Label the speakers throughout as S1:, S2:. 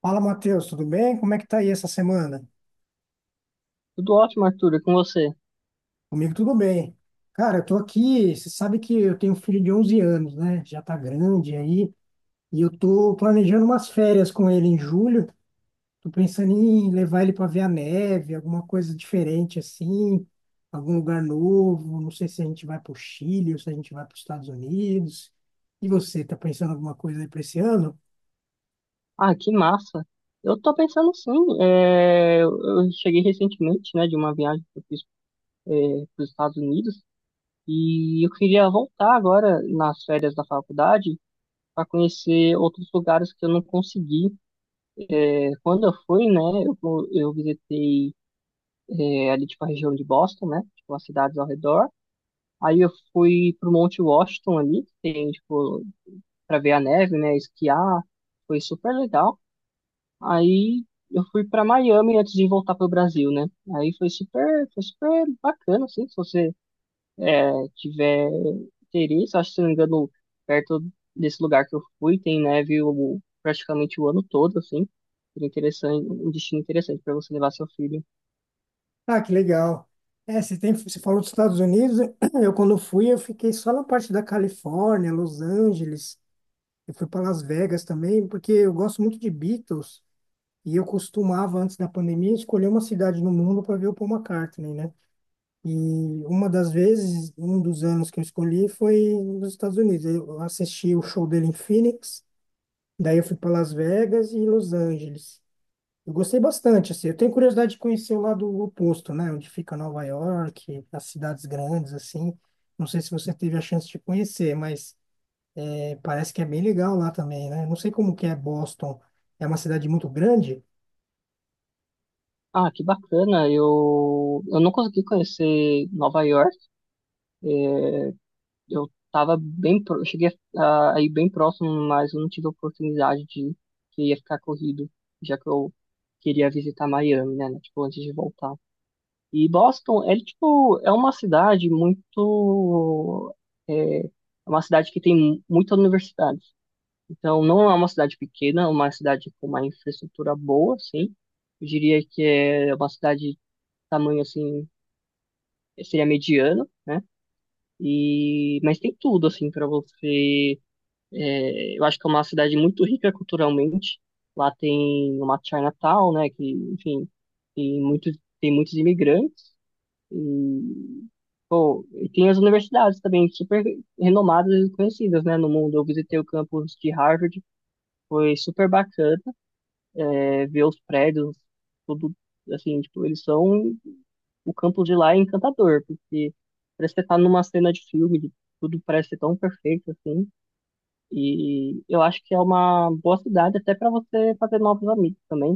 S1: Fala, Matheus, tudo bem? Como é que tá aí essa semana?
S2: Tudo ótimo, Arthur, e com você?
S1: Comigo tudo bem. Cara, eu tô aqui, você sabe que eu tenho um filho de 11 anos, né? Já tá grande aí, e eu tô planejando umas férias com ele em julho. Tô pensando em levar ele para ver a neve, alguma coisa diferente assim, algum lugar novo. Não sei se a gente vai pro Chile ou se a gente vai para os Estados Unidos. E você, tá pensando em alguma coisa aí para esse ano?
S2: Ah, que massa! Eu tô pensando sim, eu cheguei recentemente, né, de uma viagem que eu fiz para os Estados Unidos e eu queria voltar agora nas férias da faculdade para conhecer outros lugares que eu não consegui. É, quando eu fui, né, eu visitei ali, tipo, a região de Boston, né, tipo, as cidades ao redor. Aí eu fui pro Monte Washington ali, que tem, tipo, para ver a neve, né, esquiar, foi super legal. Aí eu fui pra Miami antes de voltar pro Brasil, né? Aí foi super bacana, assim, se você tiver interesse, acho que se não me engano, perto desse lugar que eu fui, praticamente o ano todo, assim. Seria interessante, um destino interessante para você levar seu filho.
S1: Ah, que legal. É, você tem, você falou dos Estados Unidos. Quando fui, eu fiquei só na parte da Califórnia, Los Angeles. Eu fui para Las Vegas também, porque eu gosto muito de Beatles. E eu costumava, antes da pandemia, escolher uma cidade no mundo para ver o Paul McCartney, né? E uma das vezes, um dos anos que eu escolhi foi nos Estados Unidos. Eu assisti o show dele em Phoenix, daí eu fui para Las Vegas e Los Angeles. Eu gostei bastante, assim. Eu tenho curiosidade de conhecer o lado oposto, né? Onde fica Nova York, as cidades grandes, assim. Não sei se você teve a chance de conhecer, mas é, parece que é bem legal lá também, né? Não sei como que é Boston. É uma cidade muito grande?
S2: Ah, que bacana! Eu não consegui conhecer Nova York. é, eu cheguei a ir bem próximo, mas eu não tive a oportunidade de ir, porque ia ficar corrido, já que eu queria visitar Miami, né, tipo, antes de voltar. E Boston, é uma cidade é uma cidade que tem muitas universidades. Então, não é uma cidade pequena, é uma cidade com uma infraestrutura boa, sim. Eu diria que é uma cidade de tamanho assim, seria mediano, né? E mas tem tudo assim para você. É, eu acho que é uma cidade muito rica culturalmente. Lá tem uma Chinatown, né? Que, enfim, tem muitos imigrantes. E, e tem as universidades também, super renomadas e conhecidas, né? No mundo. Eu visitei o campus de Harvard, foi super bacana, ver os prédios, tudo assim, tipo, eles são. O campus de lá é encantador, porque parece que você tá numa cena de filme, tudo parece ser tão perfeito assim. E eu acho que é uma boa cidade até para você fazer novos amigos também.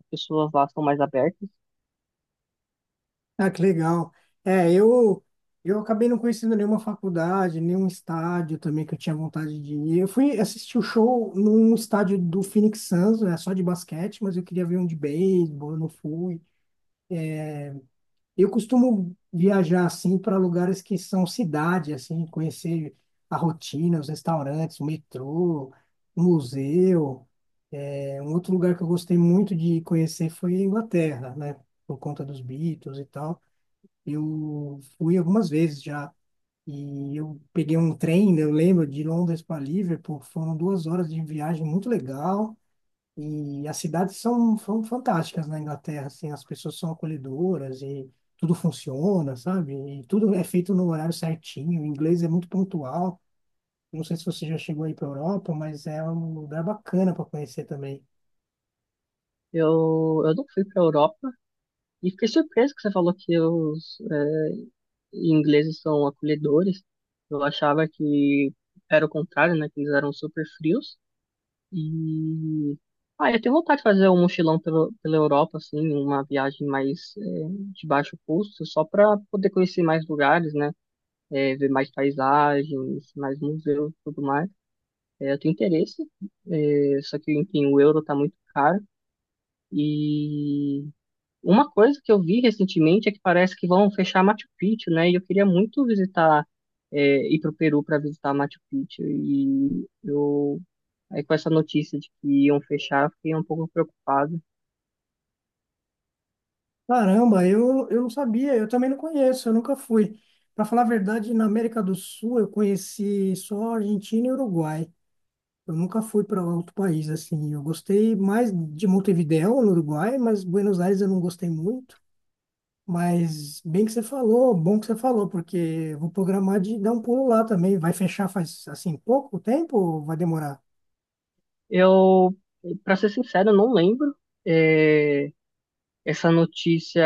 S2: As pessoas lá são mais abertas.
S1: Ah, que legal. É, eu acabei não conhecendo nenhuma faculdade, nenhum estádio também que eu tinha vontade de ir. Eu fui assistir o show num estádio do Phoenix Suns, é só de basquete, mas eu queria ver um de beisebol, eu não fui. Eu costumo viajar assim para lugares que são cidade, assim, conhecer a rotina, os restaurantes, o metrô, o museu. É, um outro lugar que eu gostei muito de conhecer foi a Inglaterra, né? Por conta dos Beatles e tal. Eu fui algumas vezes já e eu peguei um trem, né, eu lembro, de Londres para Liverpool. Foram 2 horas de viagem muito legal. E as cidades são fantásticas na Inglaterra, assim, as pessoas são acolhedoras e tudo funciona, sabe? E tudo é feito no horário certinho, o inglês é muito pontual. Não sei se você já chegou aí para Europa, mas é um lugar bacana para conhecer também.
S2: Eu não fui para a Europa e fiquei surpreso que você falou que os ingleses são acolhedores. Eu achava que era o contrário, né? Que eles eram super frios. E ah, eu tenho vontade de fazer um mochilão pela Europa, assim, uma viagem mais de baixo custo, só para poder conhecer mais lugares, né? Ver mais paisagens, mais museus, e tudo mais. É, eu tenho interesse, é, só que, enfim, o euro tá muito caro. E uma coisa que eu vi recentemente é que parece que vão fechar Machu Picchu, né? E eu queria muito visitar, é, ir pro Peru para visitar Machu Picchu. E eu, aí com essa notícia de que iam fechar, eu fiquei um pouco preocupado.
S1: Caramba, eu não sabia, eu também não conheço, eu nunca fui. Para falar a verdade, na América do Sul eu conheci só Argentina e Uruguai. Eu nunca fui para outro país assim. Eu gostei mais de Montevidéu, no Uruguai, mas Buenos Aires eu não gostei muito. Mas bem que você falou, bom que você falou, porque eu vou programar de dar um pulo lá também. Vai fechar faz assim pouco tempo ou vai demorar?
S2: Eu, para ser sincero, eu não lembro. É, essa notícia,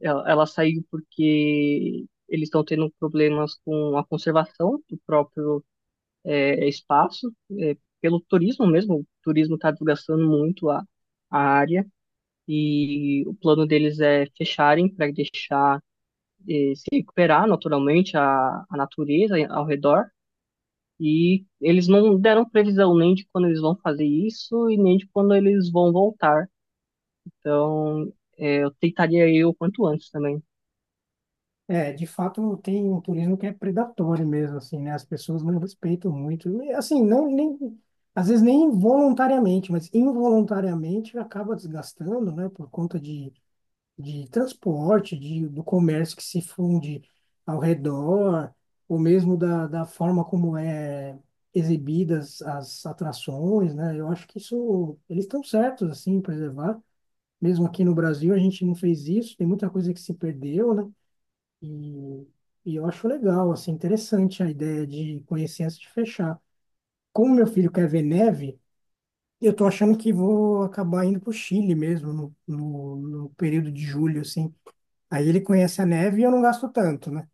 S2: ela saiu porque eles estão tendo problemas com a conservação do próprio espaço, é, pelo turismo mesmo. O turismo está desgastando muito a área e o plano deles é fecharem para deixar se recuperar naturalmente a natureza ao redor. E eles não deram previsão nem de quando eles vão fazer isso e nem de quando eles vão voltar. Então, eu tentaria ir o quanto antes também.
S1: É, de fato tem um turismo que é predatório mesmo, assim, né? As pessoas não respeitam muito. E, assim, não nem às vezes nem voluntariamente, mas involuntariamente acaba desgastando, né? Por conta de transporte, do comércio que se funde ao redor, ou mesmo da forma como é exibidas as atrações, né? Eu acho que isso, eles estão certos, assim, em preservar. Mesmo aqui no Brasil, a gente não fez isso, tem muita coisa que se perdeu, né? E, e eu acho legal, assim, interessante a ideia de conhecer antes de fechar. Como meu filho quer ver neve, eu tô achando que vou acabar indo pro Chile mesmo, no período de julho, assim, aí ele conhece a neve e eu não gasto tanto, né?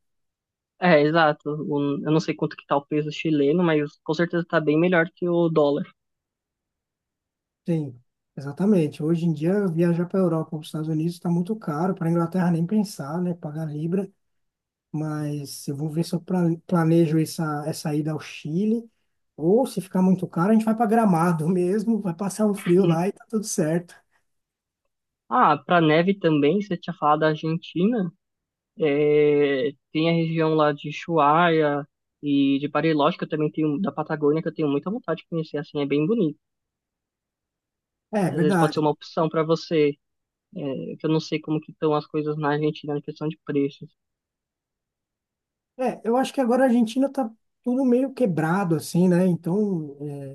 S2: É, exato. Eu não sei quanto que tá o peso chileno, mas com certeza tá bem melhor que o dólar.
S1: Sim, exatamente. Hoje em dia, viajar para a Europa ou para os Estados Unidos está muito caro, para a Inglaterra nem pensar, né? Pagar libra. Mas eu vou ver se eu planejo essa ida ao Chile. Ou se ficar muito caro, a gente vai para Gramado mesmo, vai passar um frio lá e tá tudo certo.
S2: Ah, para neve também, você tinha falado da Argentina, é, tem a região lá de Ushuaia e de Bariloche, que eu também tenho, da Patagônia, que eu tenho muita vontade de conhecer, assim, é bem bonito.
S1: É, é
S2: Às vezes pode ser
S1: verdade.
S2: uma opção para você, é, que eu não sei como que estão as coisas na Argentina na questão de preços.
S1: É, eu acho que agora a Argentina tá tudo meio quebrado, assim, né? Então, é,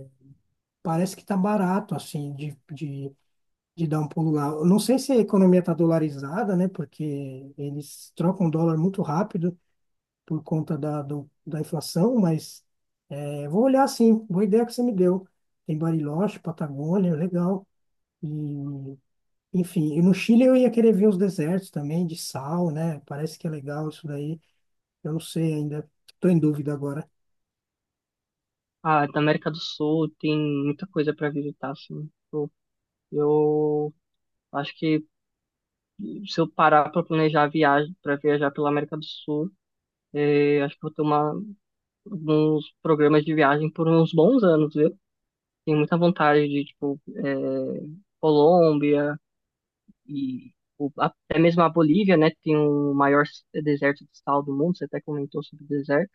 S1: parece que tá barato, assim, de dar um pulo lá. Eu não sei se a economia está dolarizada, né? Porque eles trocam dólar muito rápido por conta da inflação, mas é, vou olhar sim. Boa ideia que você me deu. Tem Bariloche, Patagônia, legal. E, enfim, e no Chile eu ia querer ver os desertos também, de sal, né? Parece que é legal isso daí. Eu não sei ainda. Estou em dúvida agora.
S2: Ah, da América do Sul tem muita coisa para visitar, assim. Eu acho que se eu parar para planejar a viagem, para viajar pela América do Sul, é, acho que eu vou ter uma dos programas de viagem por uns bons anos, viu? Tenho muita vontade de, tipo, é, Colômbia até mesmo a Bolívia, né? Que tem o deserto de sal do mundo. Você até comentou sobre o deserto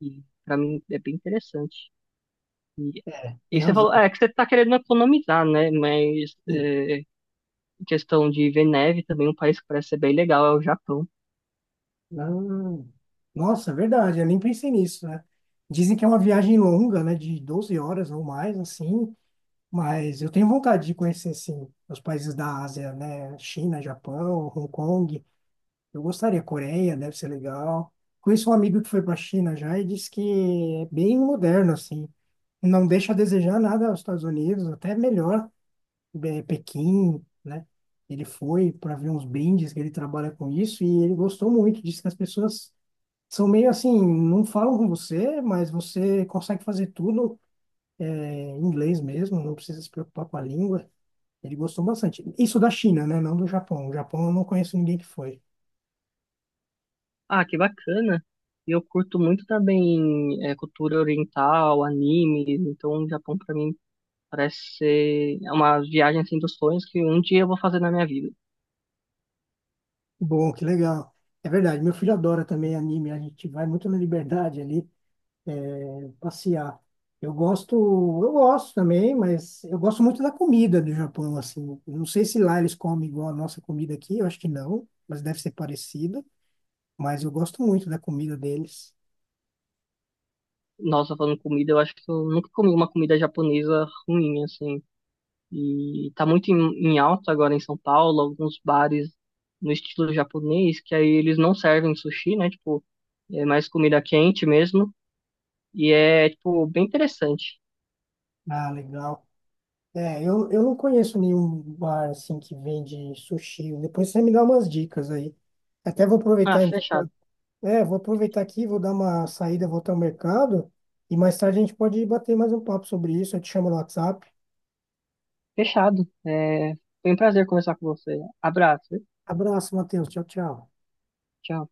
S2: e para mim é bem interessante. E,
S1: É, tem
S2: e você falou,
S1: razão.
S2: é que você tá querendo economizar, né? Mas é, em questão de ver neve também, um país que parece ser bem legal é o Japão.
S1: Ah, nossa, é verdade, eu nem pensei nisso, né? Dizem que é uma viagem longa, né, de 12 horas ou mais, assim, mas eu tenho vontade de conhecer, assim os países da Ásia, né? China, Japão, Hong Kong, eu gostaria, Coreia deve ser legal. Conheço um amigo que foi para a China já e disse que é bem moderno, assim, não deixa a desejar nada aos Estados Unidos, até melhor, Pequim, né? Ele foi para ver uns brindes que ele trabalha com isso e ele gostou muito, disse que as pessoas são meio assim, não falam com você, mas você consegue fazer tudo é, em inglês mesmo, não precisa se preocupar com a língua. Ele gostou bastante. Isso da China, né? Não do Japão. O Japão eu não conheço ninguém que foi.
S2: Ah, que bacana! E eu curto muito também é, cultura oriental, anime, então o Japão para mim parece ser uma viagem assim dos sonhos que um dia eu vou fazer na minha vida.
S1: Bom, que legal. É verdade, meu filho adora também anime, a gente vai muito na liberdade ali, é, passear. Eu gosto, eu gosto também, mas eu gosto muito da comida do Japão, assim. Eu não sei se lá eles comem igual a nossa comida aqui, eu acho que não, mas deve ser parecida. Mas eu gosto muito da comida deles.
S2: Nossa, falando comida, eu acho que eu nunca comi uma comida japonesa ruim, assim. E tá muito em, em alta agora em São Paulo, alguns bares no estilo japonês, que aí eles não servem sushi, né? Tipo, é mais comida quente mesmo. E é, tipo, bem interessante.
S1: Ah, legal. É, eu não conheço nenhum bar assim que vende sushi. Depois você me dá umas dicas aí. Até vou
S2: Ah,
S1: aproveitar então.
S2: fechado.
S1: É, vou aproveitar aqui, vou dar uma saída, vou até o mercado e mais tarde a gente pode bater mais um papo sobre isso. Eu te chamo no WhatsApp.
S2: Fechado. É, foi um prazer conversar com você. Abraço.
S1: Abraço, Matheus. Tchau, tchau.
S2: Tchau.